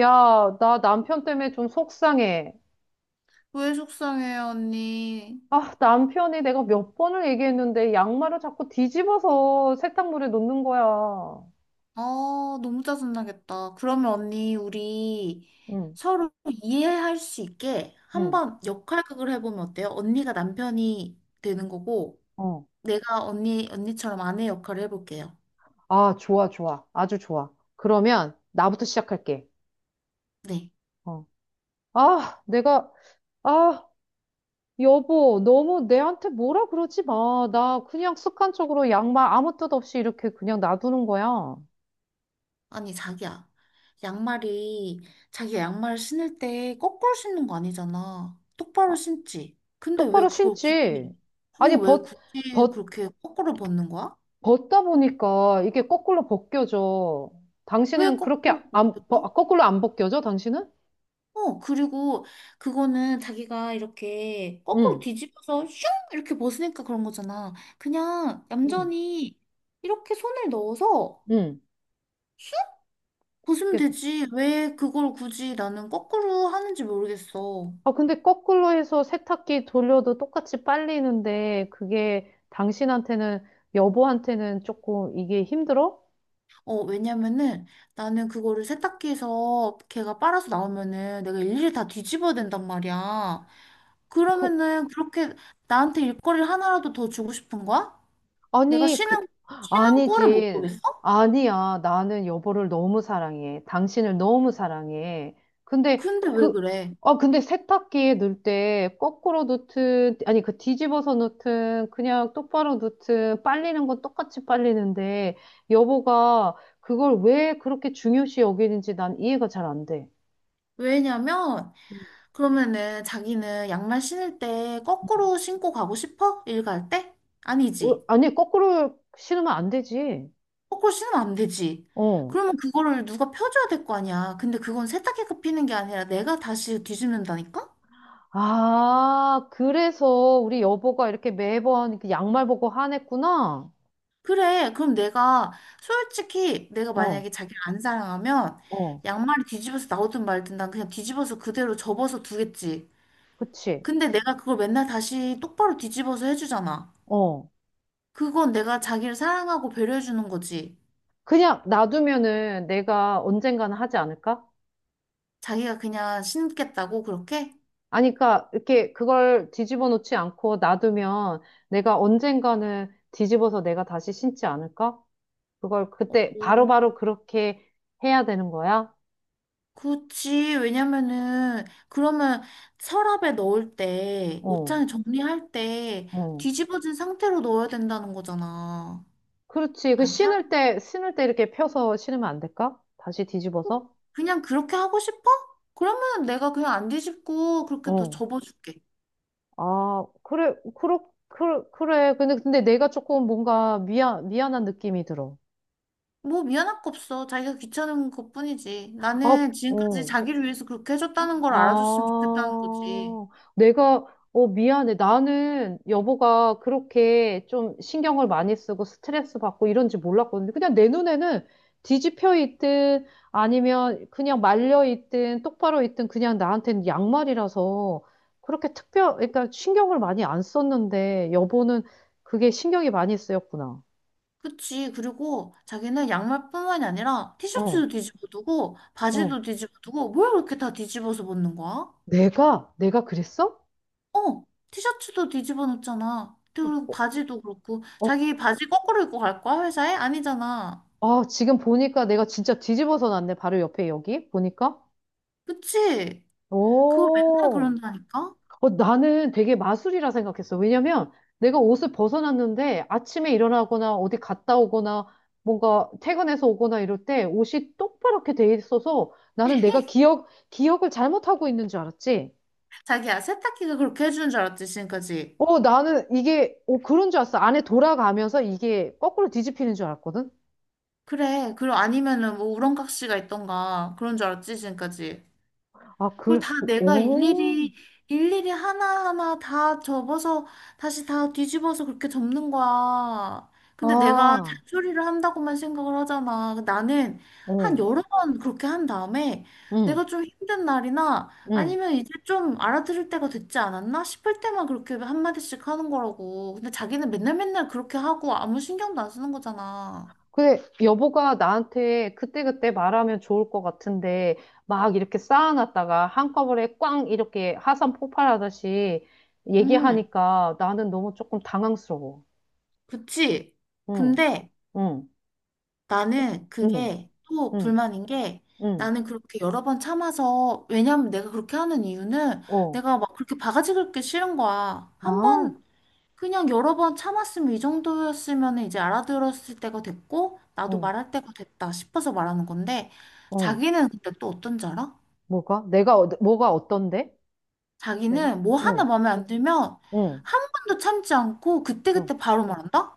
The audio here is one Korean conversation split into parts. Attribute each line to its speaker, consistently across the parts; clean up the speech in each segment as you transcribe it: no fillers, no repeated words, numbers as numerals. Speaker 1: 야, 나 남편 때문에 좀 속상해.
Speaker 2: 왜 속상해요, 언니?
Speaker 1: 아, 남편이 내가 몇 번을 얘기했는데 양말을 자꾸 뒤집어서 세탁물에 놓는 거야.
Speaker 2: 아, 너무 짜증나겠다. 그러면 언니, 우리
Speaker 1: 응,
Speaker 2: 서로 이해할 수 있게
Speaker 1: 응,
Speaker 2: 한번 역할극을 해보면 어때요? 언니가 남편이 되는 거고,
Speaker 1: 어.
Speaker 2: 내가 언니처럼 아내 역할을 해볼게요.
Speaker 1: 아, 좋아, 좋아. 아주 좋아. 그러면 나부터 시작할게.
Speaker 2: 네.
Speaker 1: 어. 아, 아, 여보, 너무 내한테 뭐라 그러지 마. 나 그냥 습관적으로 양말 아무 뜻 없이 이렇게 그냥 놔두는 거야.
Speaker 2: 아니, 자기야. 양말이, 자기가 양말을 신을 때 거꾸로 신는 거 아니잖아.
Speaker 1: 아,
Speaker 2: 똑바로 신지. 근데 왜
Speaker 1: 똑바로
Speaker 2: 그걸
Speaker 1: 신지.
Speaker 2: 굳이, 그거
Speaker 1: 아니,
Speaker 2: 왜 굳이 그렇게 거꾸로 벗는 거야?
Speaker 1: 벗다 보니까 이게 거꾸로 벗겨져.
Speaker 2: 왜
Speaker 1: 당신은 그렇게
Speaker 2: 거꾸로
Speaker 1: 안, 벗-
Speaker 2: 벗겨?
Speaker 1: 아, 거꾸로 안 벗겨져, 당신은?
Speaker 2: 어, 그리고 그거는 자기가 이렇게 거꾸로
Speaker 1: 응,
Speaker 2: 뒤집어서 슝! 이렇게 벗으니까 그런 거잖아. 그냥
Speaker 1: 응,
Speaker 2: 얌전히 이렇게 손을 넣어서
Speaker 1: 응.
Speaker 2: 쑥! 벗으면
Speaker 1: 이렇게.
Speaker 2: 되지. 왜 그걸 굳이 나는 거꾸로 하는지 모르겠어.
Speaker 1: 아, 근데 거꾸로 해서 세탁기 돌려도 똑같이 빨리는데, 그게 당신한테는, 여보한테는 조금 이게 힘들어?
Speaker 2: 어, 왜냐면은 나는 그거를 세탁기에서 걔가 빨아서 나오면은 내가 일일이 다 뒤집어야 된단 말이야.
Speaker 1: 그,
Speaker 2: 그러면은 그렇게 나한테 일거리를 하나라도 더 주고 싶은 거야? 내가
Speaker 1: 아니,
Speaker 2: 쉬는 꼴을 못
Speaker 1: 아니지.
Speaker 2: 보겠어?
Speaker 1: 아니야. 나는 여보를 너무 사랑해. 당신을 너무 사랑해. 근데
Speaker 2: 근데 왜
Speaker 1: 그,
Speaker 2: 그래?
Speaker 1: 근데 세탁기에 넣을 때 거꾸로 넣든, 아니, 그 뒤집어서 넣든, 그냥 똑바로 넣든, 빨리는 건 똑같이 빨리는데, 여보가 그걸 왜 그렇게 중요시 여기는지 난 이해가 잘 안 돼.
Speaker 2: 왜냐면, 그러면은 자기는 양말 신을 때
Speaker 1: 음.
Speaker 2: 거꾸로 신고 가고 싶어? 일갈 때?
Speaker 1: 어,
Speaker 2: 아니지.
Speaker 1: 아니, 거꾸로 신으면 안 되지.
Speaker 2: 거꾸로 신으면 안 되지.
Speaker 1: 어.
Speaker 2: 그러면 그거를 누가 펴줘야 될 거 아니야. 근데 그건 세탁기가 피는 게 아니라 내가 다시 뒤집는다니까?
Speaker 1: 아, 그래서 우리 여보가 이렇게 매번 그 양말 보고 화냈구나.
Speaker 2: 그래. 솔직히 내가
Speaker 1: 응. 어,
Speaker 2: 만약에 자기를 안 사랑하면
Speaker 1: 어,
Speaker 2: 양말이 뒤집어서 나오든 말든 난 그냥 뒤집어서 그대로 접어서 두겠지.
Speaker 1: 그치.
Speaker 2: 근데 내가 그걸 맨날 다시 똑바로 뒤집어서 해주잖아.
Speaker 1: 어.
Speaker 2: 그건 내가 자기를 사랑하고 배려해주는 거지.
Speaker 1: 그냥 놔두면은 내가 언젠가는 하지 않을까?
Speaker 2: 자기가 그냥 신겠다고 그렇게?
Speaker 1: 아니, 그러니까 이렇게 그걸 뒤집어 놓지 않고 놔두면 내가 언젠가는 뒤집어서 내가 다시 신지 않을까? 그걸
Speaker 2: 오,
Speaker 1: 그때 바로바로 그렇게 해야 되는 거야?
Speaker 2: 그치. 왜냐면은 그러면 서랍에 넣을 때
Speaker 1: 어,
Speaker 2: 옷장에 정리할 때
Speaker 1: 어.
Speaker 2: 뒤집어진 상태로 넣어야 된다는 거잖아.
Speaker 1: 그렇지. 그
Speaker 2: 아니야?
Speaker 1: 신을 때 이렇게 펴서 신으면 안 될까? 다시 뒤집어서?
Speaker 2: 그냥 그렇게 하고 싶어? 그러면 내가 그냥 안 뒤집고 그렇게 더
Speaker 1: 어.
Speaker 2: 접어줄게.
Speaker 1: 아, 그래, 그래, 그래. 근데 내가 조금 뭔가 미안한 느낌이 들어.
Speaker 2: 뭐 미안할 거 없어. 자기가 귀찮은 것뿐이지.
Speaker 1: 아,
Speaker 2: 나는 지금까지
Speaker 1: 어.
Speaker 2: 자기를 위해서 그렇게 해줬다는 걸 알아줬으면 좋겠다는 거지.
Speaker 1: 아, 내가, 미안해. 나는 여보가 그렇게 좀 신경을 많이 쓰고 스트레스 받고 이런지 몰랐거든요. 그냥 내 눈에는 뒤집혀 있든 아니면 그냥 말려 있든 똑바로 있든 그냥 나한테는 양말이라서 그렇게 그러니까 신경을 많이 안 썼는데 여보는 그게 신경이 많이 쓰였구나.
Speaker 2: 그치. 그리고 자기는 양말뿐만이 아니라
Speaker 1: 어,
Speaker 2: 티셔츠도 뒤집어 두고,
Speaker 1: 어,
Speaker 2: 바지도 뒤집어 두고, 뭘 그렇게 다 뒤집어서 벗는 거야?
Speaker 1: 내가? 내가 그랬어?
Speaker 2: 어, 티셔츠도 뒤집어 놓잖아. 그리고
Speaker 1: 어,
Speaker 2: 바지도 그렇고,
Speaker 1: 어,
Speaker 2: 자기 바지 거꾸로 입고 갈 거야, 회사에? 아니잖아.
Speaker 1: 아, 지금 보니까 내가 진짜 뒤집어서 놨네. 바로 옆에 여기 보니까.
Speaker 2: 그치? 그거 맨날
Speaker 1: 오,
Speaker 2: 그런다니까?
Speaker 1: 어, 나는 되게 마술이라 생각했어. 왜냐면 내가 옷을 벗어놨는데 아침에 일어나거나 어디 갔다 오거나 뭔가 퇴근해서 오거나 이럴 때 옷이 똑바랗게 돼 있어서 나는 내가 기억을 잘못하고 있는 줄 알았지.
Speaker 2: 자기야, 세탁기가 그렇게 해주는 줄 알았지, 지금까지.
Speaker 1: 어, 나는 이게, 그런 줄 알았어. 안에 돌아가면서 이게 거꾸로 뒤집히는 줄 알았거든.
Speaker 2: 그래. 그리고 아니면은 뭐 우렁각시가 있던가, 그런 줄 알았지, 지금까지.
Speaker 1: 아,
Speaker 2: 그걸
Speaker 1: 그,
Speaker 2: 다 내가
Speaker 1: 오,
Speaker 2: 일일이 하나하나 다 접어서 다시 다 뒤집어서 그렇게 접는 거야. 근데 내가
Speaker 1: 아,
Speaker 2: 잔소리를 한다고만 생각을 하잖아. 그 나는 한
Speaker 1: 어,
Speaker 2: 여러 번 그렇게 한 다음에
Speaker 1: 응,
Speaker 2: 내가 좀 힘든 날이나
Speaker 1: 응.
Speaker 2: 아니면 이제 좀 알아들을 때가 됐지 않았나 싶을 때만 그렇게 한마디씩 하는 거라고. 근데 자기는 맨날 맨날 그렇게 하고 아무 신경도 안 쓰는 거잖아.
Speaker 1: 근데 여보가 나한테 그때그때 말하면 좋을 것 같은데, 막 이렇게 쌓아놨다가 한꺼번에 꽝 이렇게 하산 폭발하듯이
Speaker 2: 음,
Speaker 1: 얘기하니까 나는 너무 조금 당황스러워.
Speaker 2: 그치.
Speaker 1: 응,
Speaker 2: 근데
Speaker 1: 응,
Speaker 2: 나는
Speaker 1: 응,
Speaker 2: 그게 또
Speaker 1: 응,
Speaker 2: 불만인 게
Speaker 1: 응,
Speaker 2: 나는 그렇게 여러 번 참아서 왜냐면 내가 그렇게 하는 이유는
Speaker 1: 어,
Speaker 2: 내가 막 그렇게 바가지 긁기 싫은 거야. 한
Speaker 1: 아,
Speaker 2: 번 그냥 여러 번 참았으면 이 정도였으면 이제 알아들었을 때가 됐고 나도
Speaker 1: 어,
Speaker 2: 말할 때가 됐다 싶어서 말하는 건데
Speaker 1: 어,
Speaker 2: 자기는 근데 또 어떤지 알아?
Speaker 1: 뭐가? 뭐가 어떤데? 내가?
Speaker 2: 자기는 뭐 하나
Speaker 1: 응,
Speaker 2: 마음에 안 들면
Speaker 1: 응,
Speaker 2: 한 번도 참지 않고
Speaker 1: 어.
Speaker 2: 그때그때 바로 말한다?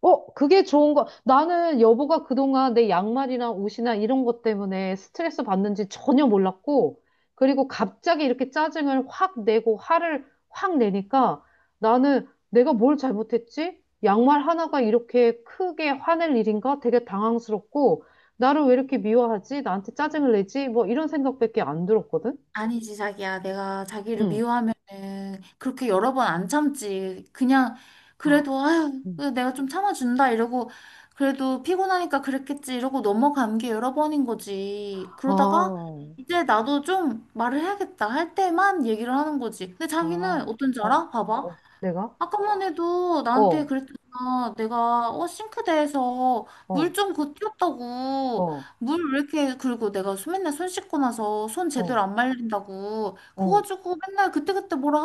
Speaker 1: 어, 그게 좋은 거. 나는 여보가 그동안 내 양말이나 옷이나 이런 것 때문에 스트레스 받는지 전혀 몰랐고, 그리고 갑자기 이렇게 짜증을 확 내고 화를 확 내니까 나는 내가 뭘 잘못했지? 양말 하나가 이렇게 크게 화낼 일인가? 되게 당황스럽고, 나를 왜 이렇게 미워하지? 나한테 짜증을 내지? 뭐 이런 생각밖에 안 들었거든?
Speaker 2: 아니지, 자기야. 내가 자기를
Speaker 1: 응.
Speaker 2: 미워하면은 그렇게 여러 번 안 참지. 그냥
Speaker 1: 아,
Speaker 2: 그래도 아유,
Speaker 1: 음.
Speaker 2: 그래도 내가 좀 참아준다 이러고 그래도 피곤하니까 그랬겠지 이러고 넘어간 게 여러 번인 거지.
Speaker 1: 아,
Speaker 2: 그러다가
Speaker 1: 어,
Speaker 2: 이제 나도 좀 말을 해야겠다 할 때만 얘기를 하는 거지. 근데 자기는
Speaker 1: 아,
Speaker 2: 어떤지
Speaker 1: 어,
Speaker 2: 알아? 봐봐.
Speaker 1: 어, 내가?
Speaker 2: 아까만 해도 나한테
Speaker 1: 어,
Speaker 2: 그랬잖아. 내가 어 싱크대에서 물
Speaker 1: 어,
Speaker 2: 좀 고쳤다고.
Speaker 1: 어,
Speaker 2: 물 왜 이렇게 그리고 내가 맨날 손 씻고 나서 손
Speaker 1: 어.
Speaker 2: 제대로 안 말린다고. 그거
Speaker 1: 어.
Speaker 2: 가지고 맨날 그때그때 뭐라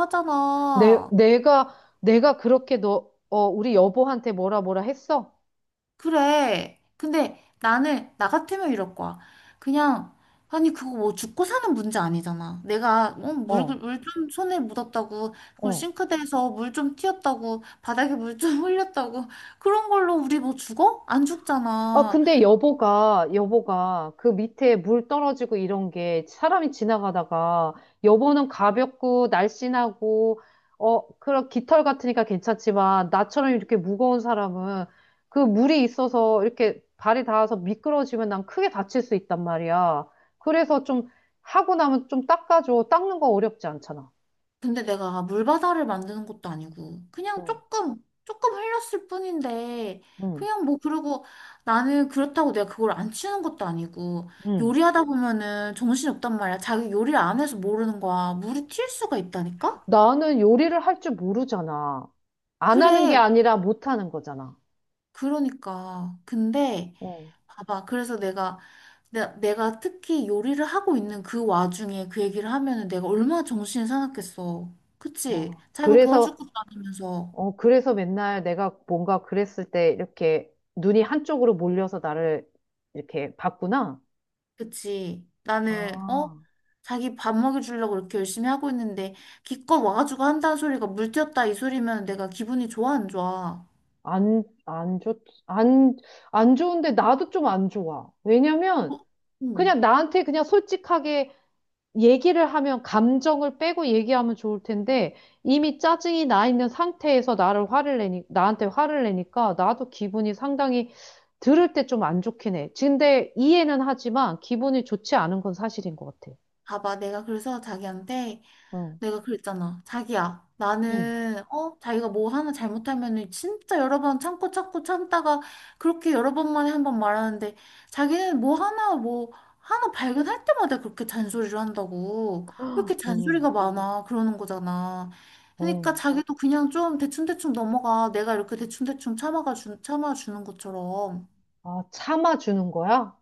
Speaker 1: 내,
Speaker 2: 하잖아.
Speaker 1: 내가, 내가 그렇게 우리 여보한테 뭐라 뭐라 했어?
Speaker 2: 그래. 근데 나는, 나 같으면 이럴 거야. 그냥, 아니, 그거 뭐 죽고 사는 문제 아니잖아. 내가, 어, 물,
Speaker 1: 어,
Speaker 2: 물 좀 손에 묻었다고, 그리고
Speaker 1: 어.
Speaker 2: 싱크대에서 물 좀 튀었다고, 바닥에 물 좀 흘렸다고, 그런 걸로 우리 뭐 죽어? 안
Speaker 1: 아,
Speaker 2: 죽잖아.
Speaker 1: 근데 여보가 그 밑에 물 떨어지고 이런 게 사람이 지나가다가 여보는 가볍고 날씬하고, 그런 깃털 같으니까 괜찮지만 나처럼 이렇게 무거운 사람은 그 물이 있어서 이렇게 발이 닿아서 미끄러지면 난 크게 다칠 수 있단 말이야. 그래서 좀 하고 나면 좀 닦아줘. 닦는 거 어렵지 않잖아.
Speaker 2: 근데 내가 물바다를 만드는 것도 아니고 그냥
Speaker 1: 응.
Speaker 2: 조금 흘렸을 뿐인데
Speaker 1: 응.
Speaker 2: 그냥 뭐 그러고 나는 그렇다고 내가 그걸 안 치는 것도 아니고
Speaker 1: 응.
Speaker 2: 요리하다 보면은 정신이 없단 말이야. 자기 요리를 안 해서 모르는 거야. 물이 튈 수가 있다니까?
Speaker 1: 나는 요리를 할 줄 모르잖아. 안 하는 게
Speaker 2: 그래.
Speaker 1: 아니라 못 하는 거잖아.
Speaker 2: 그러니까. 근데
Speaker 1: 어.
Speaker 2: 봐봐. 그래서 내가 내가 특히 요리를 하고 있는 그 와중에 그 얘기를 하면은 내가 얼마나 정신이 사납겠어. 그치?
Speaker 1: 어.
Speaker 2: 자기가 도와줄
Speaker 1: 그래서,
Speaker 2: 것도 아니면서.
Speaker 1: 어, 그래서 맨날 내가 뭔가 그랬을 때 이렇게 눈이 한쪽으로 몰려서 나를 이렇게 봤구나.
Speaker 2: 그치. 나는, 어?
Speaker 1: 아.
Speaker 2: 자기 밥 먹여주려고 이렇게 열심히 하고 있는데, 기껏 와가지고 한다는 소리가 물 튀었다 이 소리면 내가 기분이 좋아, 안 좋아?
Speaker 1: 안, 안 좋, 안, 안 좋은데 나도 좀 안 좋아. 왜냐면
Speaker 2: 어? 응.
Speaker 1: 그냥 나한테 그냥 솔직하게 얘기를 하면 감정을 빼고 얘기하면 좋을 텐데 이미 짜증이 나 있는 상태에서 나를 화를 내니 나한테 화를 내니까 나도 기분이 상당히 들을 때 좀 안 좋긴 해. 근데 이해는 하지만 기분이 좋지 않은 건 사실인 것 같아.
Speaker 2: 봐봐. 내가 그래서 자기한테,
Speaker 1: 어,
Speaker 2: 내가 그랬잖아. 자기야,
Speaker 1: 응,
Speaker 2: 나는, 어, 자기가 뭐 하나 잘못하면은 진짜 여러 번 참고 참고 참다가 그렇게 여러 번 만에 한번 말하는데 자기는 하나 발견할 때마다 그렇게 잔소리를 한다고. 왜 이렇게
Speaker 1: 응,
Speaker 2: 잔소리가 많아? 그러는 거잖아. 그러니까
Speaker 1: 어.
Speaker 2: 자기도 그냥 좀 대충대충 넘어가. 내가 이렇게 대충대충 참아주는 것처럼.
Speaker 1: 아, 참아주는 거야?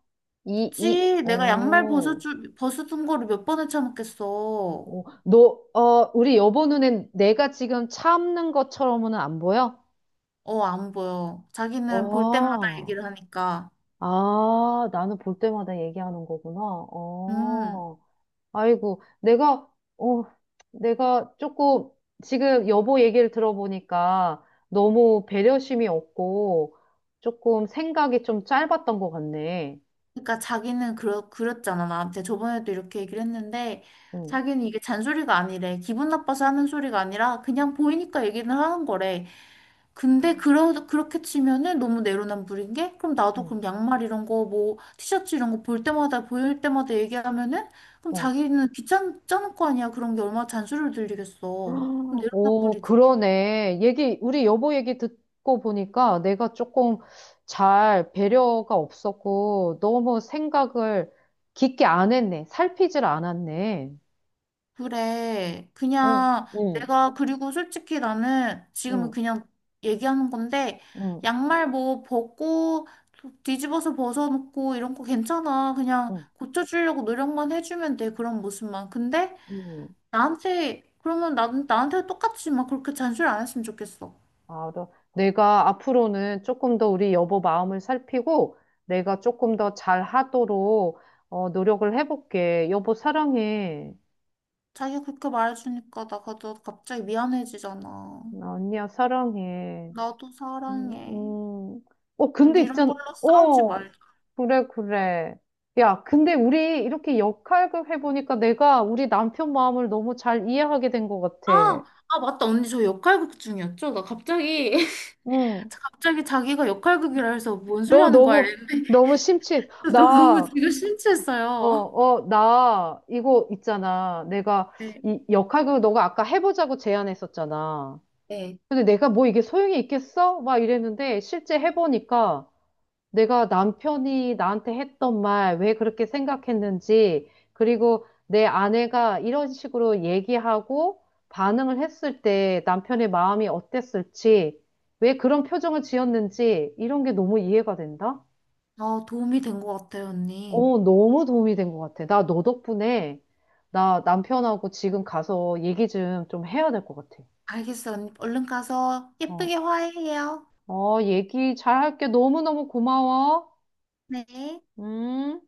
Speaker 1: 이, 이,
Speaker 2: 그치. 내가 양말
Speaker 1: 어,
Speaker 2: 벗어둔 거를 몇 번을 참았겠어.
Speaker 1: 어, 너, 어, 우리 여보 눈엔 내가 지금 참는 것처럼은 안 보여?
Speaker 2: 어, 안 보여. 자기는 볼 때마다
Speaker 1: 어.
Speaker 2: 얘기를 하니까.
Speaker 1: 아, 나는 볼 때마다 얘기하는 거구나.
Speaker 2: 음.
Speaker 1: 어, 아이고, 어, 내가 조금 지금 여보 얘기를 들어보니까 너무 배려심이 없고 조금 생각이 좀 짧았던 것 같네.
Speaker 2: 그러니까 자기는 그랬잖아. 나한테 저번에도 이렇게 얘기를 했는데
Speaker 1: 응,
Speaker 2: 자기는 이게 잔소리가 아니래. 기분 나빠서 하는 소리가 아니라 그냥 보이니까 얘기를 하는 거래. 근데 그렇게 치면은 너무 내로남불인 게 그럼 나도
Speaker 1: 어,
Speaker 2: 그럼 양말 이런 거 뭐 티셔츠 이런 거 볼 때마다 보일 때마다 얘기하면은 그럼
Speaker 1: 어.
Speaker 2: 자기는 귀찮을 거 아니야. 그런 게 얼마나 잔소리를 들리겠어. 그럼
Speaker 1: 오,
Speaker 2: 내로남불이지.
Speaker 1: 그러네. 우리 여보 얘기 듣고 보니까 내가 조금 잘 배려가 없었고 너무 생각을 깊게 안 했네. 살피질 않았네.
Speaker 2: 그래.
Speaker 1: 응,
Speaker 2: 그냥
Speaker 1: 응,
Speaker 2: 내가 그리고 솔직히 나는 지금은
Speaker 1: 응,
Speaker 2: 그냥 얘기하는 건데
Speaker 1: 응,
Speaker 2: 양말 뭐 벗고 뒤집어서 벗어놓고 이런 거 괜찮아. 그냥
Speaker 1: 응,
Speaker 2: 고쳐주려고 노력만 해주면 돼. 그런 모습만. 근데
Speaker 1: 응.
Speaker 2: 나한테 그러면 나한테 똑같이 막 그렇게 잔소리 안 했으면 좋겠어.
Speaker 1: 알아. 내가 앞으로는 조금 더 우리 여보 마음을 살피고 내가 조금 더 잘하도록 노력을 해볼게. 여보 사랑해.
Speaker 2: 자기가 그렇게 말해주니까 나가 너 갑자기 미안해지잖아.
Speaker 1: 응, 언니야 사랑해.
Speaker 2: 나도
Speaker 1: 음,
Speaker 2: 사랑해.
Speaker 1: 음. 어, 근데
Speaker 2: 우리 이런
Speaker 1: 있잖아.
Speaker 2: 걸로 싸우지
Speaker 1: 어,
Speaker 2: 말자.
Speaker 1: 그래, 그래. 야, 근데 우리 이렇게 역할극 해보니까 내가 우리 남편 마음을 너무 잘 이해하게 된 것 같아.
Speaker 2: 아, 아, 맞다. 언니 저 역할극 중이었죠? 나 갑자기
Speaker 1: 응.
Speaker 2: 갑자기 자기가 역할극이라 해서 뭔 소리
Speaker 1: 너
Speaker 2: 하는 거야
Speaker 1: 너무,
Speaker 2: 이랬는데
Speaker 1: 너무 심취해.
Speaker 2: 너 너무
Speaker 1: 나
Speaker 2: 지금
Speaker 1: 어,
Speaker 2: 심취했어요.
Speaker 1: 어, 나, 이거 있잖아.
Speaker 2: 네.
Speaker 1: 이 역할극 너가 아까 해보자고 제안했었잖아.
Speaker 2: 네.
Speaker 1: 근데 내가 뭐 이게 소용이 있겠어? 막 이랬는데, 실제 해보니까 내가 남편이 나한테 했던 말, 왜 그렇게 생각했는지, 그리고 내 아내가 이런 식으로 얘기하고 반응을 했을 때 남편의 마음이 어땠을지, 왜 그런 표정을 지었는지, 이런 게 너무 이해가 된다?
Speaker 2: 어, 도움이 된 것 같아요, 언니.
Speaker 1: 어, 너무 도움이 된 것 같아. 나 너 덕분에 나 남편하고 지금 가서 얘기 좀 해야 될 것 같아.
Speaker 2: 알겠어, 언니. 얼른 가서
Speaker 1: 어,
Speaker 2: 예쁘게 화해해요.
Speaker 1: 어, 얘기 잘 할게. 너무너무 고마워.
Speaker 2: 네.
Speaker 1: 음.